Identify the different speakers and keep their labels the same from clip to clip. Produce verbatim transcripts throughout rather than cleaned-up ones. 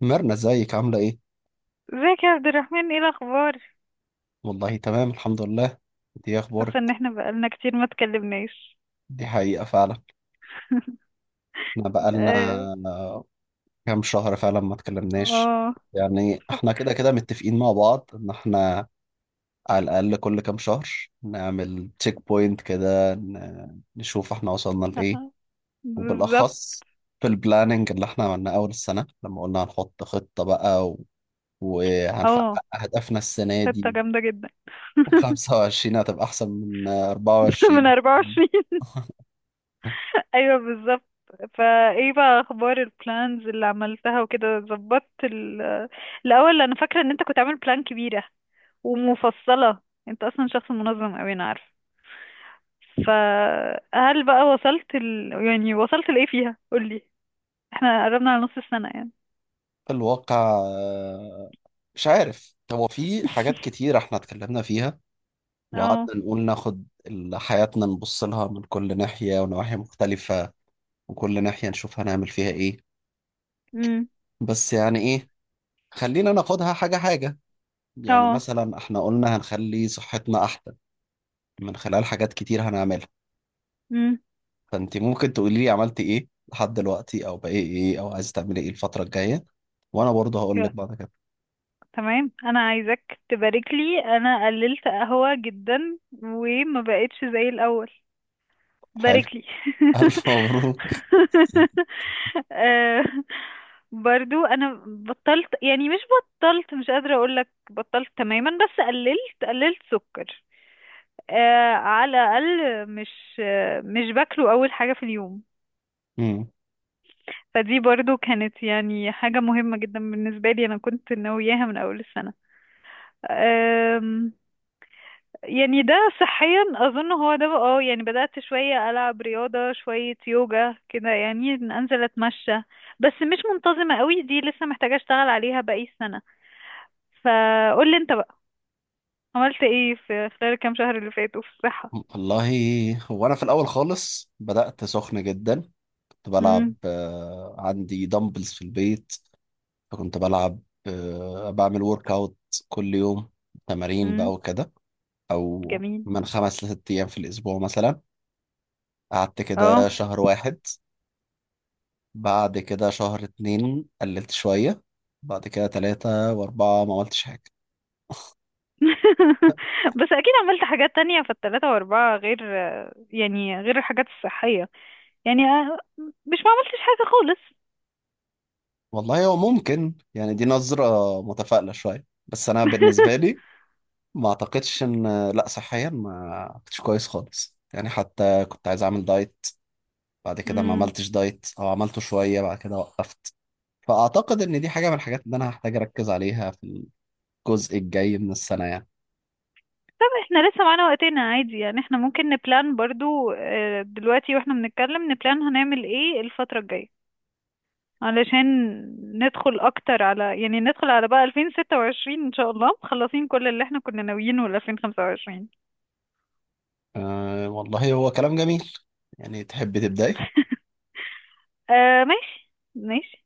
Speaker 1: مرنا، ازيك عاملة ايه؟
Speaker 2: ازيك يا عبد الرحمن، ايه الاخبار؟
Speaker 1: والله تمام الحمد لله. دي
Speaker 2: حاسه
Speaker 1: اخبارك.
Speaker 2: ان احنا بقالنا كتير ما اتكلمناش.
Speaker 1: دي حقيقة فعلا. احنا بقالنا
Speaker 2: اه.
Speaker 1: كام شهر فعلا ما اتكلمناش.
Speaker 2: اه.
Speaker 1: يعني احنا كده كده متفقين مع بعض ان احنا على الاقل كل كام شهر نعمل تشيك بوينت كده، ن- نشوف احنا وصلنا لايه.
Speaker 2: آه، بالظبط.
Speaker 1: وبالاخص في البلاننج اللي احنا عملناه اول السنة، لما قلنا هنحط خطة بقى و... وهنحقق
Speaker 2: اه.
Speaker 1: اهدافنا السنة دي.
Speaker 2: خطه جامده جدا.
Speaker 1: و25 هتبقى احسن من
Speaker 2: من
Speaker 1: أربعة وعشرين.
Speaker 2: أربعة وعشرين. ايوه بالظبط. فايه بقى اخبار البلانز اللي عملتها وكده ظبطت ال- الاول انا فاكره ان انت كنت عامل بلان كبيره ومفصله. انت اصلا شخص منظم اوي، انا عارفه. فهل بقى وصلت ال... يعني وصلت لايه فيها؟ قولي. احنا قربنا على نص السنه يعني.
Speaker 1: الواقع آه، مش عارف، هو في حاجات كتير احنا اتكلمنا فيها
Speaker 2: اه.
Speaker 1: وقعدنا نقول ناخد ال- حياتنا، نبص لها من كل ناحية ونواحي مختلفة. وكل ناحية نشوف هنعمل فيها ايه. بس يعني ايه، خلينا ناخدها حاجة حاجة. يعني
Speaker 2: اه.
Speaker 1: مثلا احنا قلنا هنخلي صحتنا احسن من خلال حاجات كتير هنعملها.
Speaker 2: امم.
Speaker 1: فانت ممكن تقولي لي عملت ايه لحد دلوقتي، او بقى ايه ايه، او عايز تعملي ايه الفترة الجاية، وانا برضه هقول لك
Speaker 2: يا-
Speaker 1: بعد كده.
Speaker 2: تمام، انا عايزك تبارك لي، انا قللت قهوة جدا وما بقتش زي الاول.
Speaker 1: حلو،
Speaker 2: بارك لي.
Speaker 1: الف مبروك.
Speaker 2: آه، برضو انا بطلت، يعني مش بطلت، مش قادرة اقولك بطلت تماما، بس قللت قللت سكر. آه، على الاقل مش، آه، مش باكله اول حاجة في اليوم.
Speaker 1: مم.
Speaker 2: فدي برضو كانت يعني حاجة مهمة جدا بالنسبة لي، انا كنت ناوياها من اول السنة. أم، يعني ده صحيا اظن هو ده بقى- اه يعني بدأت شوية العب رياضة، شوية يوجا كده، يعني إن انزل اتمشى. بس مش منتظمة قوي، دي لسه محتاجة اشتغل عليها باقي السنة. فقول لي انت بقى، عملت ايه في خلال الكام شهر اللي فاتوا في الصحة.
Speaker 1: والله هو انا في الاول خالص بدات سخن جدا. كنت بلعب،
Speaker 2: امم.
Speaker 1: آه، عندي دمبلز في البيت، فكنت بلعب، آه، بعمل ورك اوت كل يوم، تمارين بقى
Speaker 2: امم.
Speaker 1: وكده، او
Speaker 2: جميل.
Speaker 1: من خمس لست ايام في الاسبوع مثلا. قعدت كده
Speaker 2: اه.
Speaker 1: شهر واحد، بعد كده شهر اتنين قللت شويه، بعد كده تلاتة واربعة ما عملتش حاجه.
Speaker 2: بس اكيد عملت حاجات تانية في التلاتة واربعة، غير يعني غير الحاجات الصحية. يعني آه، مش ما عملتش حاجة خالص.
Speaker 1: والله هو ممكن يعني دي نظره متفائله شويه، بس انا بالنسبه لي ما اعتقدش، ان لا، صحيا ما كنتش كويس خالص، يعني حتى كنت عايز اعمل دايت، بعد كده ما
Speaker 2: امم.
Speaker 1: عملتش دايت، او عملته شوية بعد كده وقفت. فاعتقد ان دي حاجة من الحاجات اللي انا هحتاج اركز عليها في الجزء الجاي من السنة يعني.
Speaker 2: طب احنا لسه معانا وقتنا عادي، يعني احنا ممكن نبلان برضو، آه، دلوقتي واحنا بنتكلم نبلان هنعمل ايه الفترة الجاية. علشان ندخل اكتر على، يعني ندخل على بقى ألفين وستة وعشرين ان شاء الله مخلصين كل اللي احنا كنا ناويينه ل ألفين وخمسة وعشرين.
Speaker 1: أه والله هو كلام جميل. يعني تحب تبداي؟
Speaker 2: آه ماشي ماشي.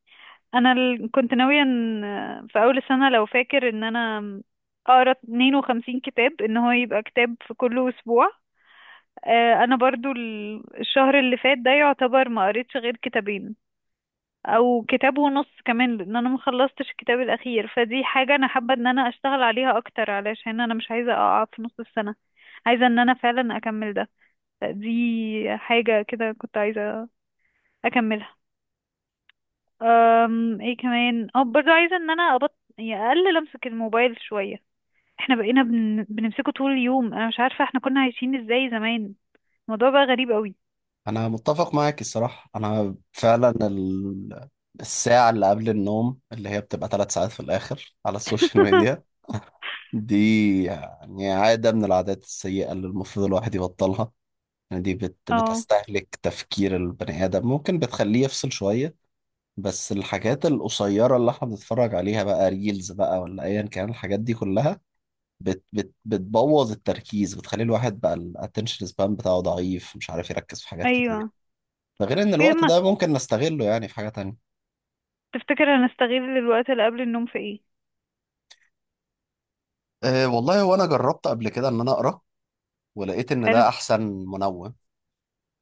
Speaker 2: انا ال- كنت ناوية ان، آه، في اول السنة لو فاكر، ان انا اقرا اثنين وخمسين كتاب، ان هو يبقى كتاب في كل اسبوع. آه، انا برضو ال- الشهر اللي فات ده يعتبر ما قريتش غير كتابين، او كتاب ونص كمان، لان انا ما خلصتش الكتاب الاخير. فدي حاجه انا حابه ان انا اشتغل عليها اكتر، علشان انا مش عايزه اقع في نص السنه. عايزه ان انا فعلا اكمل ده. دي حاجه كده كنت عايزه اكملها. أم ايه كمان؟ اه برضه عايزه ان انا ابط، يعني اقلل امسك الموبايل شويه. احنا بقينا بن... بنمسكه طول اليوم، انا مش عارفه احنا كنا عايشين ازاي زمان. الموضوع بقى غريب قوي.
Speaker 1: انا متفق معاك الصراحة. انا فعلا ال... الساعة اللي قبل النوم، اللي هي بتبقى ثلاث ساعات في الآخر على السوشيال ميديا، دي يعني عادة من العادات السيئة اللي المفروض الواحد يبطلها. يعني دي بت
Speaker 2: اه.
Speaker 1: بتستهلك تفكير البني آدم، ممكن بتخليه يفصل شوية. بس الحاجات القصيرة اللي احنا بنتفرج عليها بقى، ريلز بقى ولا أيا كان، الحاجات دي كلها بت بت بتبوظ التركيز، بتخلي الواحد بقى الاتنشن سبان بتاعه ضعيف، مش عارف يركز في حاجات كتير.
Speaker 2: ايوه.
Speaker 1: ده غير إن
Speaker 2: ايه،
Speaker 1: الوقت
Speaker 2: ما
Speaker 1: ده ممكن نستغله يعني في حاجة تانية.
Speaker 2: تفتكر هنستغل الوقت اللي قبل النوم في ايه؟
Speaker 1: أه والله هو انا جربت قبل كده ان انا اقرا، ولقيت ان
Speaker 2: حلو.
Speaker 1: ده احسن منوم.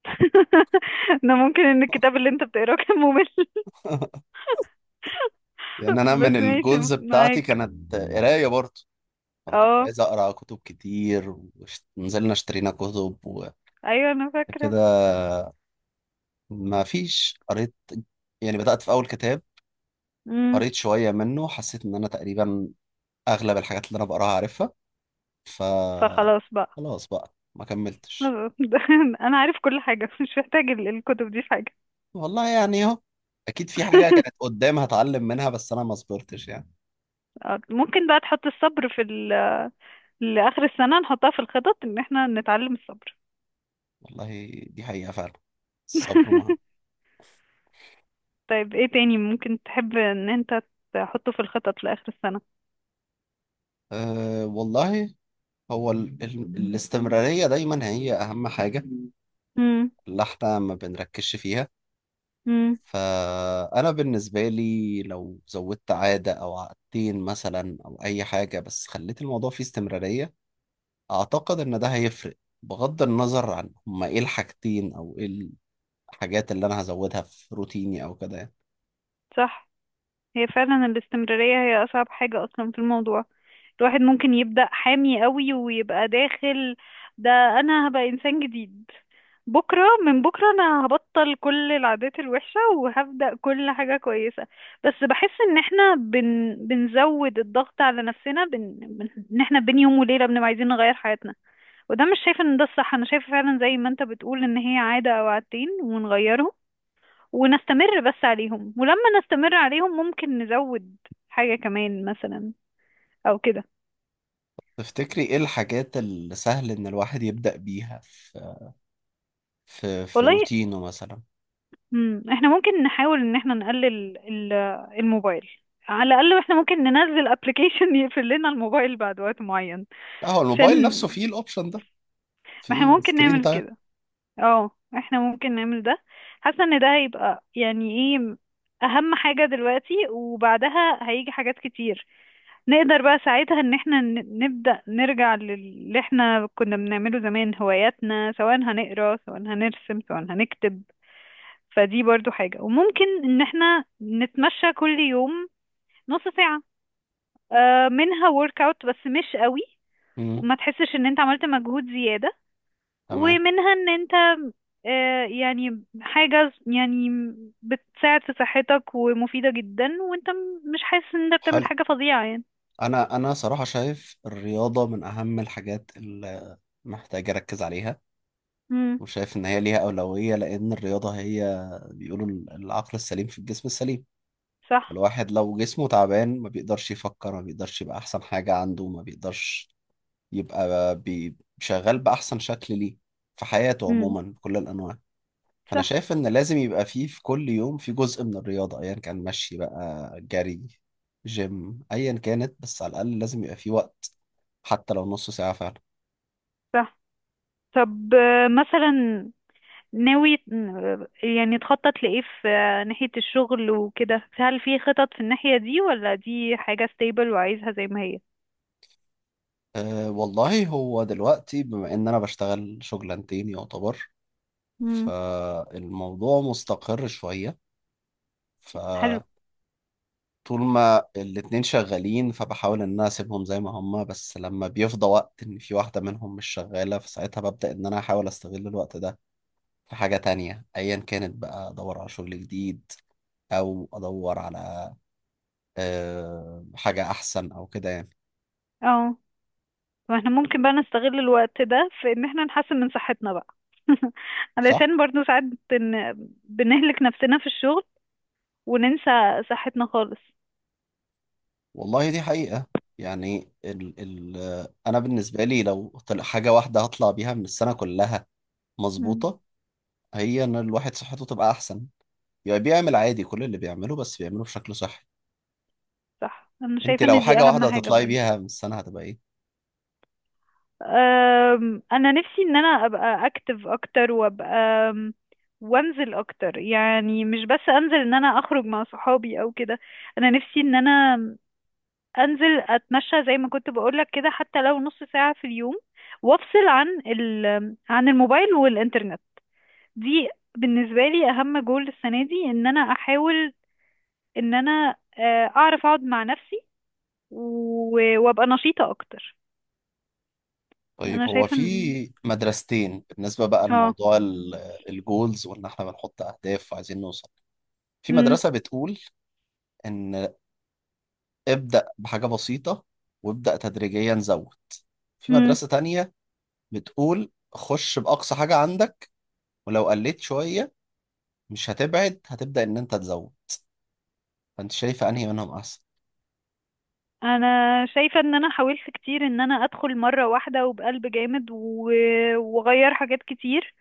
Speaker 2: انا ممكن ان الكتاب اللي انت بتقراه كان ممل.
Speaker 1: لان انا
Speaker 2: بس
Speaker 1: من
Speaker 2: ماشي
Speaker 1: الجولز بتاعتي
Speaker 2: معاك.
Speaker 1: كانت قرايه برضه. انا كنت
Speaker 2: اه.
Speaker 1: عايز اقرا كتب كتير ونزلنا اشترينا كتب، وبعد
Speaker 2: ايوه، انا فاكره.
Speaker 1: كده ما فيش قريت. يعني بدأت في اول كتاب،
Speaker 2: امم.
Speaker 1: قريت شوية منه، حسيت ان انا تقريبا اغلب الحاجات اللي انا بقراها عارفها. ف
Speaker 2: فخلاص بقى.
Speaker 1: خلاص بقى، ما كملتش.
Speaker 2: انا عارف كل حاجه، مش محتاج ال- الكتب دي في حاجه.
Speaker 1: والله يعني اهو، اكيد في حاجة كانت قدام هتعلم منها، بس انا ما صبرتش يعني.
Speaker 2: آه، ممكن بقى تحط الصبر في ال... لاخر السنه، نحطها في الخطط ان احنا نتعلم الصبر.
Speaker 1: والله دي حقيقة فعلا، الصبر معاها.
Speaker 2: طيب، ايه تاني ممكن تحب ان انت تحطه في الخطط لاخر السنه؟
Speaker 1: أه والله هو ال... ال... الاستمرارية دايما هي اهم حاجة
Speaker 2: امم.
Speaker 1: اللي احنا ما بنركزش فيها.
Speaker 2: امم.
Speaker 1: فأنا بالنسبة لي لو زودت عادة أو عادتين مثلا، أو أي حاجة، بس خليت الموضوع فيه استمرارية، أعتقد إن ده هيفرق، بغض النظر عن هما إيه الحاجتين أو إيه الحاجات اللي أنا هزودها في روتيني أو كده يعني.
Speaker 2: صح. هي فعلا الاستمرارية هي أصعب حاجة أصلا في الموضوع. الواحد ممكن يبدأ حامي قوي ويبقى داخل، ده أنا هبقى إنسان جديد، بكرة من بكرة أنا هبطل كل العادات الوحشة وهبدأ كل حاجة كويسة. بس بحس إن احنا بن... بنزود الضغط على نفسنا، بن... بن... إن احنا بين يوم وليلة بنبقى عايزين نغير حياتنا. وده مش شايفة إن ده الصح، أنا شايفة فعلا زي ما أنت بتقول، إن هي عادة أو عادتين ونغيرهم ونستمر بس عليهم، ولما نستمر عليهم ممكن نزود حاجة كمان مثلا، او كده.
Speaker 1: تفتكري إيه الحاجات اللي سهل إن الواحد يبدأ بيها في في في
Speaker 2: والله.
Speaker 1: روتينه مثلا؟
Speaker 2: مم. احنا ممكن نحاول ان احنا نقلل ال- الموبايل. على الاقل احنا ممكن ننزل ابلكيشن يقفل لنا الموبايل بعد وقت معين،
Speaker 1: لا، هو الموبايل
Speaker 2: عشان.
Speaker 1: نفسه فيه الأوبشن ده،
Speaker 2: ما احنا
Speaker 1: فيه
Speaker 2: ممكن
Speaker 1: سكرين
Speaker 2: نعمل
Speaker 1: تايم.
Speaker 2: كده. اه. احنا ممكن نعمل ده. حاسة ان ده هيبقى يعني ايه، اهم حاجة دلوقتي، وبعدها هيجي حاجات كتير. نقدر بقى ساعتها ان احنا ن- نبدأ نرجع للي احنا كنا بنعمله زمان، هواياتنا، سواء هنقرا سواء هنرسم سواء هنكتب. فدي برضو حاجة، وممكن ان احنا نتمشى كل يوم نص ساعة، آه، منها ورك اوت بس مش قوي،
Speaker 1: مم.
Speaker 2: وما تحسش ان انت عملت مجهود زيادة.
Speaker 1: تمام.
Speaker 2: ومنها ان انت، آه، يعني حاجة يعني بتساعد في صحتك ومفيدة جدا، وانت م- مش حاسس ان انت بتعمل
Speaker 1: حلو.
Speaker 2: حاجة فظيعة يعني.
Speaker 1: انا انا صراحه شايف الرياضه من اهم الحاجات اللي محتاج اركز عليها.
Speaker 2: امم.
Speaker 1: وشايف ان هي ليها اولويه. لان الرياضه هي، بيقولوا ال- العقل السليم في الجسم السليم.
Speaker 2: صح.
Speaker 1: الواحد لو جسمه تعبان ما بيقدرش يفكر، ما بيقدرش يبقى احسن حاجه عنده، ما بيقدرش يبقى بي- شغال باحسن شكل ليه في حياته
Speaker 2: مم.
Speaker 1: عموما بكل الانواع. فانا
Speaker 2: صح.
Speaker 1: شايف ان لازم يبقى فيه في كل يوم في جزء من الرياضه، ايا كان مشي بقى، جري، جيم، ايا كانت، بس على الاقل لازم يبقى فيه وقت، حتى لو نص ساعه فعلا.
Speaker 2: صح. طب آه، مثلا، ناوي آه، يعني تخطط لإيه في آه، ناحية الشغل وكده؟ هل في خطط في الناحية دي، ولا دي حاجة stable وعايزها زي ما هي؟
Speaker 1: أه والله، هو دلوقتي بما ان انا بشتغل شغلانتين يعتبر،
Speaker 2: امم.
Speaker 1: فالموضوع مستقر شويه.
Speaker 2: حلو.
Speaker 1: فطول ما الاتنين شغالين، فبحاول ان انا اسيبهم زي ما هما، بس لما بيفضى وقت ان في واحده منهم مش شغاله، فساعتها ببدا ان انا احاول استغل الوقت ده في حاجة تانية أيا كانت، بقى أدور على شغل جديد، أو أدور على آه، حاجة أحسن أو كده يعني.
Speaker 2: اه. واحنا ممكن بقى نستغل الوقت ده في ان احنا نحسن من صحتنا بقى.
Speaker 1: صح؟
Speaker 2: علشان برضو ساعات بن... بنهلك نفسنا في الشغل، وننسى صحتنا خالص.
Speaker 1: والله دي حقيقة. يعني ال ال آه، أنا بالنسبة لي لو طلع حاجة واحدة هطلع بيها من السنة كلها
Speaker 2: امم.
Speaker 1: مظبوطة، هي إن الواحد صحته تبقى أحسن. يعني بيعمل عادي كل اللي بيعمله بس بيعمله بشكل صحي.
Speaker 2: صح. انا
Speaker 1: أنت
Speaker 2: شايفة
Speaker 1: لو
Speaker 2: ان دي
Speaker 1: حاجة
Speaker 2: اهم
Speaker 1: واحدة
Speaker 2: حاجة.
Speaker 1: هتطلعي بيها من السنة هتبقى إيه؟
Speaker 2: أم، انا نفسي ان انا ابقى اكتف اكتر وابقى، أم، وانزل اكتر، يعني مش بس انزل ان انا اخرج مع صحابي او كده. انا نفسي ان انا انزل اتمشى زي ما كنت بقولك كده، حتى لو نص ساعة في اليوم، وافصل عن ال عن الموبايل والانترنت. دي بالنسبة لي اهم جول السنة دي، ان انا احاول ان انا، آه، اعرف اقعد مع نفسي و- وابقى نشيطة اكتر.
Speaker 1: طيب
Speaker 2: انا
Speaker 1: هو
Speaker 2: شايفة
Speaker 1: في
Speaker 2: ان.
Speaker 1: مدرستين بالنسبة بقى
Speaker 2: اه.
Speaker 1: لموضوع الجولز، وإن إحنا بنحط أهداف عايزين نوصل. في مدرسة بتقول إن ابدأ بحاجة بسيطة، وابدأ تدريجيا زود. في
Speaker 2: امم.
Speaker 1: مدرسة تانية بتقول خش بأقصى حاجة عندك، ولو قلت شوية مش هتبعد، هتبدأ إن أنت تزود. فأنت شايفة أنهي منهم أحسن؟
Speaker 2: انا شايفة ان انا حاولت كتير ان انا ادخل مرة واحدة وبقلب جامد و- واغير حاجات كتير،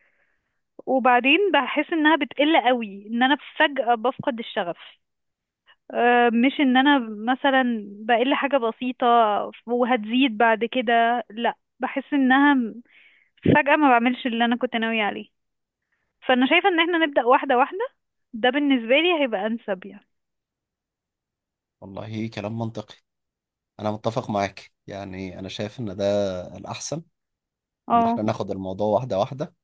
Speaker 2: وبعدين بحس انها بتقل قوي، ان انا فجأة بفقد الشغف. أه، مش ان انا مثلا بقل حاجة بسيطة وهتزيد بعد كده، لا بحس انها فجأة ما بعملش اللي انا كنت ناوية عليه. فانا شايفة ان احنا نبدأ واحدة واحدة، ده بالنسبة لي هيبقى انسب يعني.
Speaker 1: والله كلام منطقي. أنا متفق معاك. يعني أنا شايف إن ده الأحسن، إن
Speaker 2: اه.
Speaker 1: إحنا ناخد الموضوع واحدة واحدة،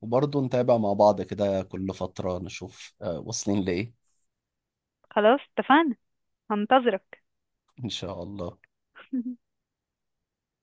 Speaker 1: وبرضه نتابع مع بعض كده كل فترة نشوف آه، واصلين لإيه.
Speaker 2: خلاص اتفقنا، هنتظرك.
Speaker 1: إن شاء الله.